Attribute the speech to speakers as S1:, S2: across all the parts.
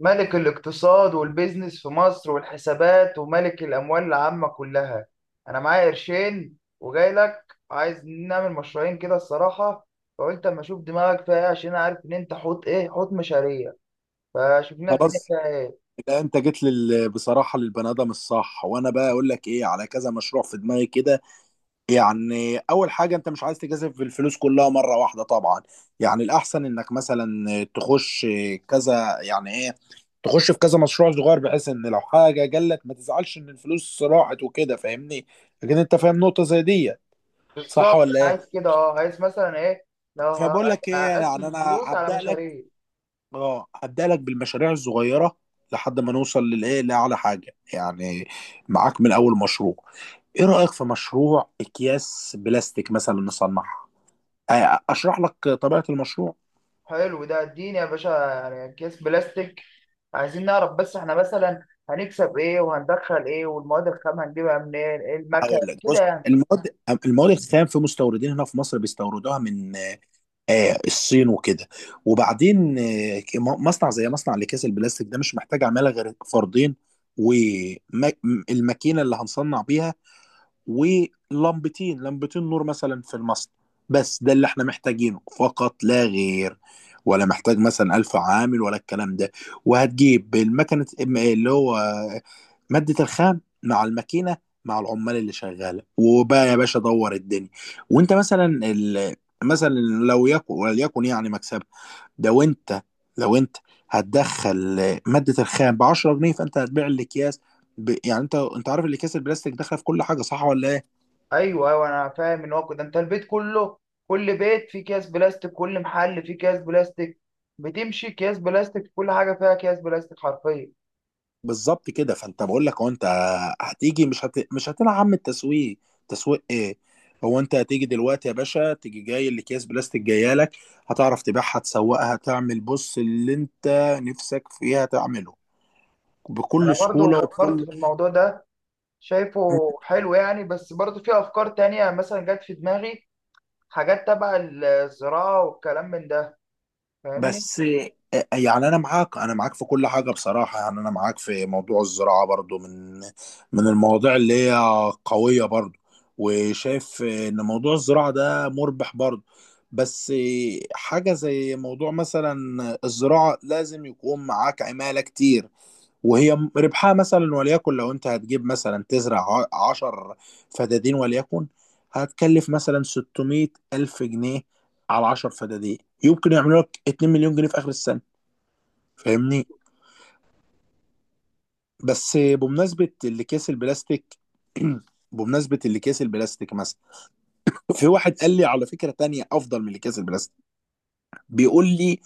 S1: ملك الاقتصاد والبيزنس في مصر والحسابات وملك الأموال العامة كلها. أنا معايا قرشين وجاي لك عايز نعمل مشروعين كده الصراحة. فقلت أما أشوف دماغك فيها إيه عشان أعرف إن أنت حوت إيه حوت مشاريع. فشوف لنا الدنيا
S2: خلاص.
S1: فيها إيه.
S2: لا، انت جيت بصراحه للبني ادم الصح، وانا بقى اقول لك ايه على كذا مشروع في دماغي كده. يعني اول حاجه، انت مش عايز تجازف الفلوس كلها مره واحده طبعا. يعني الاحسن انك مثلا تخش كذا يعني ايه تخش في كذا مشروع صغير، بحيث ان لو حاجه جالك ما تزعلش ان الفلوس راحت وكده. فاهمني؟ لكن انت فاهم نقطه زي دي، صح
S1: بالظبط
S2: ولا
S1: أنا
S2: ايه؟
S1: عايز كده، عايز مثلا إيه. لو ه-
S2: فبقول لك ايه
S1: هقسم
S2: يعني، انا
S1: الفلوس على
S2: هبدا لك
S1: مشاريع.
S2: اه هبدأ لك بالمشاريع الصغيرة، لحد ما نوصل لأعلى حاجة يعني. معاك من أول مشروع. ايه رأيك في مشروع أكياس بلاستيك مثلا نصنعها؟ أشرح لك طبيعة المشروع.
S1: حلو ده، اديني يا باشا، يعني أكياس بلاستيك عايزين نعرف بس احنا مثلا هنكسب ايه وهندخل ايه والمواد الخام هنجيبها منين. ايه المكن
S2: هقول لك، بص،
S1: كده يعني.
S2: المواد المواد الخام في مستوردين هنا في مصر بيستوردوها من الصين وكده. وبعدين مصنع زي مصنع لأكياس البلاستيك ده مش محتاج عمالة غير فردين، والماكينة اللي هنصنع بيها، ولمبتين لمبتين نور مثلا في المصنع. بس ده اللي احنا محتاجينه فقط لا غير، ولا محتاج مثلا ألف عامل ولا الكلام ده. وهتجيب المكنة، اللي هو مادة الخام مع الماكينة مع العمال اللي شغالة، وبقى يا باشا دور الدنيا. وانت مثلا مثلا لو يكن وليكن يعني مكسب ده. وانت، لو انت هتدخل مادة الخام ب 10 جنيه، فانت هتبيع الاكياس يعني انت عارف الاكياس البلاستيك داخله في كل حاجه، صح ولا إيه؟
S1: ايوه ايوه، انا فاهم ان هو كده انت البيت كله، كل بيت فيه اكياس بلاستيك، كل محل فيه اكياس بلاستيك، بتمشي اكياس بلاستيك، كل حاجه فيها اكياس بلاستيك حرفيا.
S2: بالظبط كده. فانت بقول لك، هو انت هتيجي مش هتلعب من التسويق. تسويق ايه؟ هو انت هتيجي دلوقتي يا باشا، تيجي جاي الاكياس بلاستيك جايه لك، هتعرف تبيعها، تسوقها، تعمل بص اللي انت نفسك فيها تعمله،
S1: انا
S2: بكل
S1: برضو
S2: سهوله
S1: فكرت
S2: وبكل.
S1: في الموضوع ده، شايفه حلو يعني، بس برضو في افكار تانية مثلا جت في دماغي، حاجات تبع الزراعه والكلام من ده، فاهمني.
S2: بس يعني انا معاك في كل حاجه بصراحه. يعني انا معاك في موضوع الزراعه برضو، من المواضيع اللي هي قويه برضو، وشايف ان موضوع الزراعه ده مربح برضو. بس حاجه زي موضوع مثلا الزراعه، لازم يكون معاك عماله كتير، وهي ربحها مثلا وليكن، لو انت هتجيب مثلا تزرع عشر فدادين وليكن، هتكلف مثلا 600 ألف جنيه على 10 فدادين، يمكن يعملوا لك 2 مليون جنيه في اخر السنه. فاهمني؟ بس بمناسبه الاكياس البلاستيك، بمناسبه الاكياس البلاستيك مثلا، في واحد قال لي على فكره تانية افضل من الاكياس البلاستيك. بيقول لي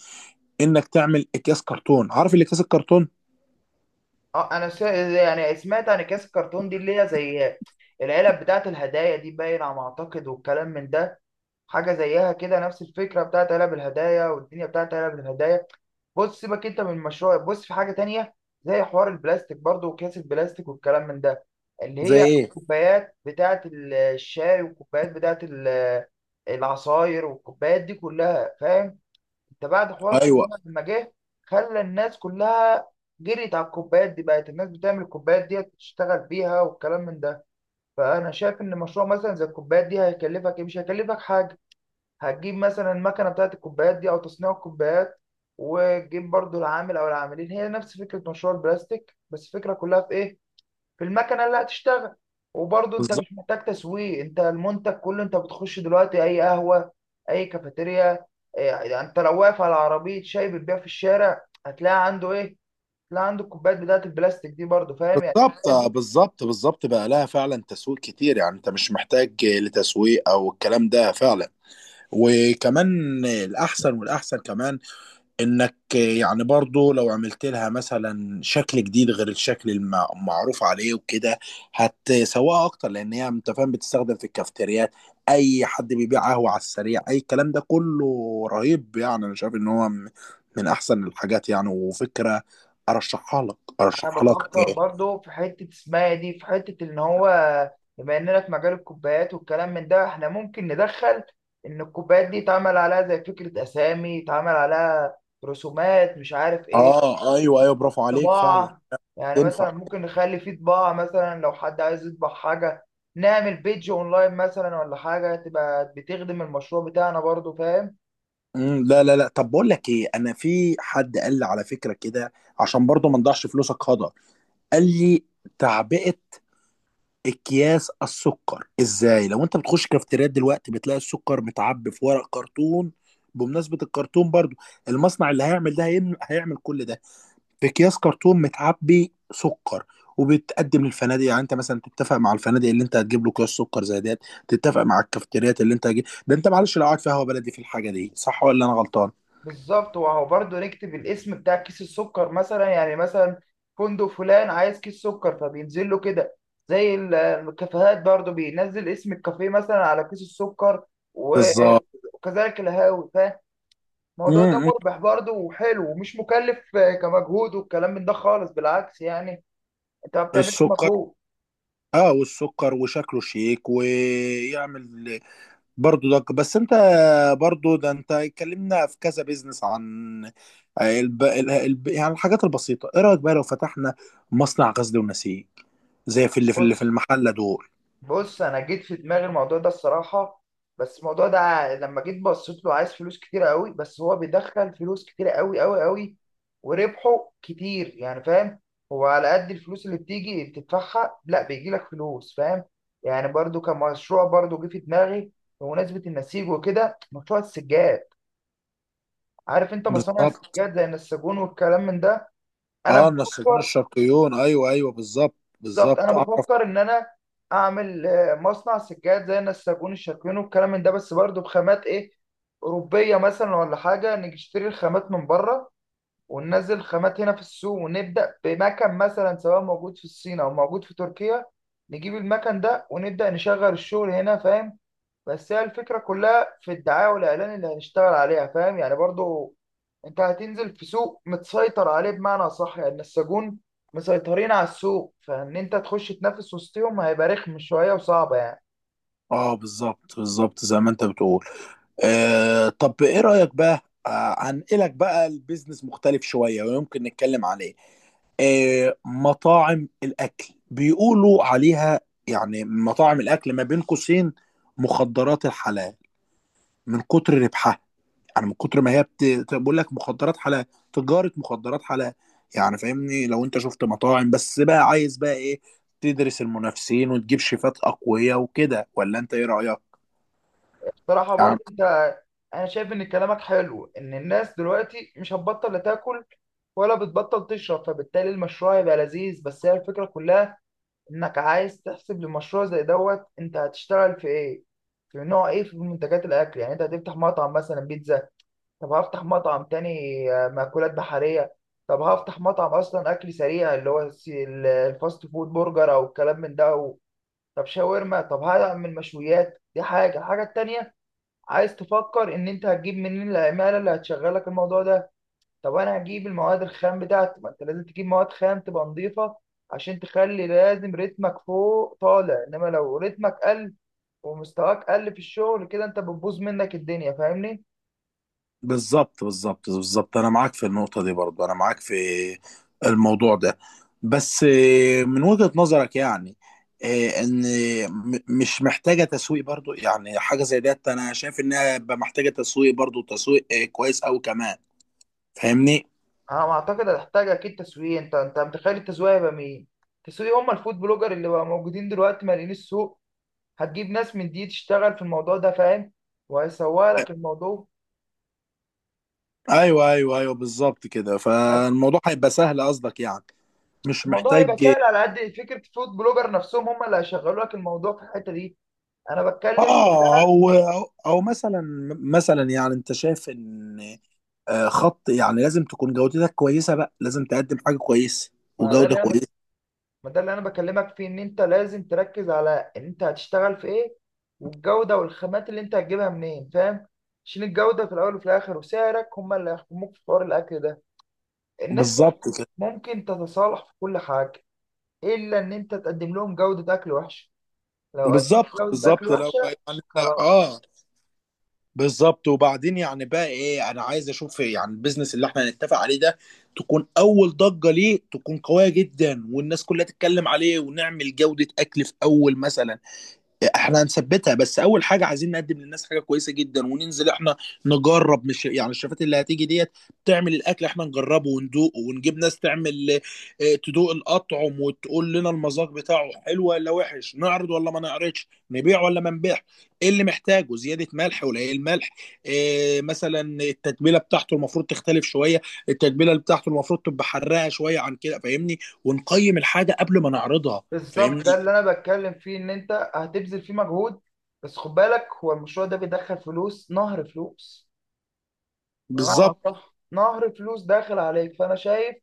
S2: انك تعمل اكياس كرتون. عارف الاكياس الكرتون؟
S1: اه، انا يعني سمعت عن اكياس الكرتون دي، اللي هي زي العلب بتاعت الهدايا دي باين على ما اعتقد والكلام من ده، حاجه زيها كده، نفس الفكره بتاعت علب الهدايا والدنيا بتاعت علب الهدايا. بص، سيبك انت من المشروع، بص في حاجه تانية زي حوار البلاستيك برضو واكياس البلاستيك والكلام من ده، اللي
S2: زي
S1: هي
S2: ايه؟
S1: الكوبايات بتاعت الشاي والكوبايات بتاعت العصاير والكوبايات دي كلها فاهم. ده بعد حوار
S2: ايوه،
S1: كورونا لما جه، خلى الناس كلها جريت على الكوبايات دي، بقت الناس بتعمل الكوبايات دي تشتغل بيها والكلام من ده. فانا شايف ان مشروع مثلا زي الكوبايات دي هيكلفك إيه؟ مش هيكلفك حاجه. هتجيب مثلا المكنه بتاعت الكوبايات دي او تصنيع الكوبايات، وتجيب برضو العامل او العاملين، هي نفس فكره مشروع البلاستيك، بس الفكره كلها في ايه؟ في المكنه اللي هتشتغل. وبرضه انت
S2: بالظبط.
S1: مش محتاج تسويق، انت المنتج كله، انت بتخش دلوقتي اي قهوه، اي كافيتيريا. يعني انت لو واقف على عربيه شاي بتبيع في الشارع هتلاقي عنده ايه؟ هتلاقي عنده الكوبايات بتاعه البلاستيك دي برضه، فاهم يعني،
S2: بالظبط،
S1: الحاجات دي.
S2: بالظبط، بالظبط، بقى لها فعلا تسويق كتير، يعني انت مش محتاج لتسويق او الكلام ده فعلا. وكمان الاحسن والاحسن كمان، انك يعني برضو لو عملت لها مثلا شكل جديد غير الشكل المعروف عليه وكده، هتسوقها اكتر. لان هي انت فاهم، بتستخدم في الكافتريات، اي حد بيبيع قهوه على السريع، اي الكلام ده كله. رهيب يعني، انا شايف ان هو من احسن الحاجات يعني، وفكره ارشحها لك،
S1: انا
S2: ارشحها لك.
S1: بفكر برضه في حته اسمها دي، في حته ان هو بما اننا في مجال الكوبايات والكلام من ده، احنا ممكن ندخل ان الكوبايات دي يتعمل عليها زي فكره اسامي، يتعمل عليها رسومات، مش عارف ايه،
S2: اه، ايوه ايوه، برافو عليك فعلا.
S1: طباعة. يعني
S2: تنفع.
S1: مثلا ممكن نخلي فيه طباعة مثلا لو حد عايز يطبع حاجة، نعمل بيدج اونلاين مثلا، ولا حاجة تبقى بتخدم المشروع بتاعنا برضو، فاهم.
S2: مم، لا لا لا، طب بقول لك ايه، انا في حد قال لي على فكره كده، عشان برضو ما نضيعش فلوسك هدر. قال لي تعبئه اكياس السكر. ازاي؟ لو انت بتخش كافتريات دلوقتي، بتلاقي السكر متعبي في ورق كرتون، بمناسبة الكرتون برضو. المصنع اللي هيعمل ده هيعمل كل ده. في اكياس كرتون متعبي سكر، وبتقدم للفنادق. يعني انت مثلا تتفق مع الفنادق اللي انت هتجيب له اكياس سكر زي ديت، تتفق مع الكافتريات اللي انت هتجيب ده. انت معلش لو قاعد في قهوه بلدي في الحاجه دي، صح ولا انا غلطان؟
S1: بالظبط، وهو برضو نكتب الاسم بتاع كيس السكر مثلا، يعني مثلا فندق فلان عايز كيس سكر، فبينزل له كده. زي الكافيهات برضو، بينزل اسم الكافيه مثلا على كيس السكر، و-
S2: بالظبط.
S1: وكذلك القهاوي، فاهم.
S2: م-
S1: الموضوع ده
S2: م.
S1: مربح برضو وحلو ومش مكلف كمجهود والكلام من ده خالص، بالعكس يعني، انت ما بتعملش
S2: السكر،
S1: مجهود.
S2: اه، والسكر وشكله شيك ويعمل برضو ده بس انت برضو ده انت، اتكلمنا في كذا بيزنس عن يعني الحاجات البسيطة. ايه رأيك بقى لو فتحنا مصنع غزل ونسيج زي في
S1: بص
S2: المحلة دول؟
S1: بص، انا جيت في دماغي الموضوع ده الصراحه، بس الموضوع ده ع- لما جيت بصيت له عايز فلوس كتير قوي، بس هو بيدخل فلوس كتير قوي قوي قوي، وربحه كتير يعني فاهم. هو على قد الفلوس اللي بتيجي بتدفعها، لا بيجي لك فلوس فاهم. يعني برضو كمشروع برضو جه في دماغي، بمناسبة النسيج وكده، مشروع السجاد. عارف انت مصانع
S2: بالظبط.
S1: السجاد زي النساجون والكلام من ده. انا
S2: اه، النسيجون
S1: بفكر.
S2: الشرقيون، ايوه ايوه، بالظبط.
S1: بالظبط،
S2: بالظبط،
S1: انا
S2: اعرف.
S1: بفكر ان انا اعمل مصنع سجاد زي نساجون الشاكوين والكلام من ده، بس برضه بخامات ايه، اوروبيه مثلا، ولا حاجه نشتري الخامات من بره، وننزل الخامات هنا في السوق، ونبدا بمكن مثلا سواء موجود في الصين او موجود في تركيا، نجيب المكن ده ونبدا نشغل الشغل هنا فاهم. بس هي الفكرة كلها في الدعاية والإعلان اللي هنشتغل عليها، فاهم يعني، برضو أنت هتنزل في سوق متسيطر عليه، بمعنى صح يعني، السجون مسيطرين على السوق، فإن أنت تخش تنافس وسطهم هيبقى رخم شوية وصعبة يعني.
S2: اه بالظبط، بالظبط، زي ما انت بتقول. طب ايه رأيك بقى؟ هنقلك بقى، البيزنس مختلف شوية ويمكن نتكلم عليه. مطاعم الاكل، بيقولوا عليها يعني، مطاعم الاكل ما بين قوسين مخدرات الحلال، من كتر ربحها. يعني من كتر ما هي بقول لك مخدرات حلال، تجارة مخدرات حلال. يعني فاهمني؟ لو انت شفت مطاعم بس، بقى عايز بقى ايه، تدرس المنافسين وتجيب شيفات اقوياء وكده، ولا انت ايه رأيك
S1: بصراحة
S2: يعني؟
S1: برضو أنت، أنا شايف إن كلامك حلو، إن الناس دلوقتي مش هتبطل لا تاكل ولا بتبطل تشرب، فبالتالي المشروع هيبقى لذيذ، بس هي الفكرة كلها انك عايز تحسب لمشروع زي دوت، انت هتشتغل في ايه، في نوع ايه، في منتجات الاكل، يعني انت هتفتح مطعم مثلا بيتزا، طب هفتح مطعم تاني مأكولات بحرية، طب هفتح مطعم اصلا اكل سريع اللي هو الفاست فود، برجر او الكلام من ده طب شاورما، طب هعمل مشويات، دي حاجة. الحاجة التانية، عايز تفكر ان انت هتجيب منين العمالة اللي هتشغلك الموضوع ده. طب انا هجيب المواد الخام بتاعتي، ما انت لازم تجيب مواد خام تبقى نظيفه عشان تخلي، لازم رتمك فوق طالع، انما لو رتمك قل ومستواك قل في الشغل كده، انت بتبوظ منك الدنيا فاهمني.
S2: بالظبط، بالظبط، بالظبط، انا معاك في النقطة دي برضو. انا معاك في الموضوع ده. بس من وجهة نظرك يعني، آه، ان مش محتاجة تسويق برضو؟ يعني حاجة زي ديت انا شايف انها بقى محتاجة تسويق برضو، تسويق كويس اوي كمان. فاهمني؟
S1: انا اعتقد هتحتاج اكيد تسويق. انت متخيل التسويق هيبقى مين؟ التسويق هم الفود بلوجر اللي بقى موجودين دلوقتي مالين السوق، هتجيب ناس من دي تشتغل في الموضوع ده فاهم، وهيسوق
S2: آه،
S1: لك الموضوع.
S2: ايوه ايوه ايوه، بالظبط كده. فالموضوع هيبقى سهل قصدك يعني، مش
S1: الموضوع هيبقى
S2: محتاج.
S1: سهل، على قد فكره فود بلوجر نفسهم هم اللي هيشغلوا لك الموضوع في الحته دي. انا بتكلم في،
S2: اه، او او أو مثلا يعني انت شايف ان، آه، خط يعني لازم تكون جودتك كويسه بقى، لازم تقدم حاجه كويسه
S1: ما ده
S2: وجوده
S1: اللي انا بك...
S2: كويسه.
S1: ما ده اللي انا بكلمك فيه ان انت لازم تركز على ان انت هتشتغل في ايه، والجودة والخامات اللي انت هتجيبها منين، فاهم، عشان الجودة في الاول وفي الاخر وسعرك هما اللي هيحكموك في حوار الاكل ده. الناس
S2: بالظبط كده.
S1: ممكن تتصالح في كل حاجة الا ان انت تقدم لهم جودة اكل وحشة. لو قدمت
S2: بالظبط،
S1: جودة اكل
S2: بالظبط، لو
S1: وحشة،
S2: يعني، لا
S1: خلاص.
S2: اه، بالظبط. وبعدين يعني بقى ايه، انا عايز اشوف يعني البيزنس اللي احنا هنتفق عليه ده، تكون اول ضجه ليه تكون قويه جدا، والناس كلها تتكلم عليه، ونعمل جوده اكل في اول مثلا احنا هنثبتها. بس اول حاجه عايزين نقدم للناس حاجه كويسه جدا، وننزل احنا نجرب. مش يعني الشفات اللي هتيجي ديت تعمل الاكل، احنا نجربه وندوقه، ونجيب ناس تعمل تدوق الاطعم وتقول لنا المذاق بتاعه حلو ولا وحش، نعرض ولا ما نعرضش، نبيع ولا ما نبيع، ايه اللي محتاجه زياده ملح ولا ايه الملح، إيه مثلا التتبيله بتاعته المفروض تختلف شويه، التتبيله اللي بتاعته المفروض تبقى حراقه شويه عن كده. فاهمني؟ ونقيم الحاجه قبل ما نعرضها.
S1: بالظبط،
S2: فاهمني؟
S1: ده اللي انا بتكلم فيه، ان انت هتبذل فيه مجهود. بس خد بالك، هو المشروع ده بيدخل فلوس، نهر فلوس. غلط،
S2: بالظبط.
S1: صح، نهر فلوس داخل عليك. فانا شايف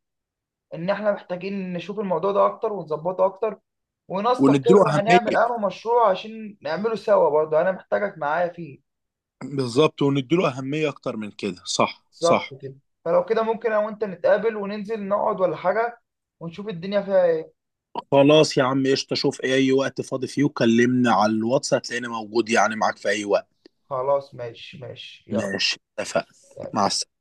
S1: ان احنا محتاجين نشوف الموضوع ده اكتر ونظبطه اكتر
S2: ونديله
S1: ونستقر هنعمل
S2: اهميه،
S1: انه مشروع، عشان نعمله سوا، برضه انا محتاجك معايا فيه.
S2: بالظبط، ونديله أهمية أكتر من كده، صح صح.
S1: بالظبط كده. فلو كده، ممكن انا وانت نتقابل وننزل نقعد ولا حاجة ونشوف الدنيا فيها ايه.
S2: خلاص يا عم قشطة، شوف أي وقت فاضي فيه وكلمني على الواتس، هتلاقيني موجود يعني، معاك في أي وقت.
S1: خلاص، ماشي ماشي، يلا.
S2: ماشي، اتفقنا. مع السلامة.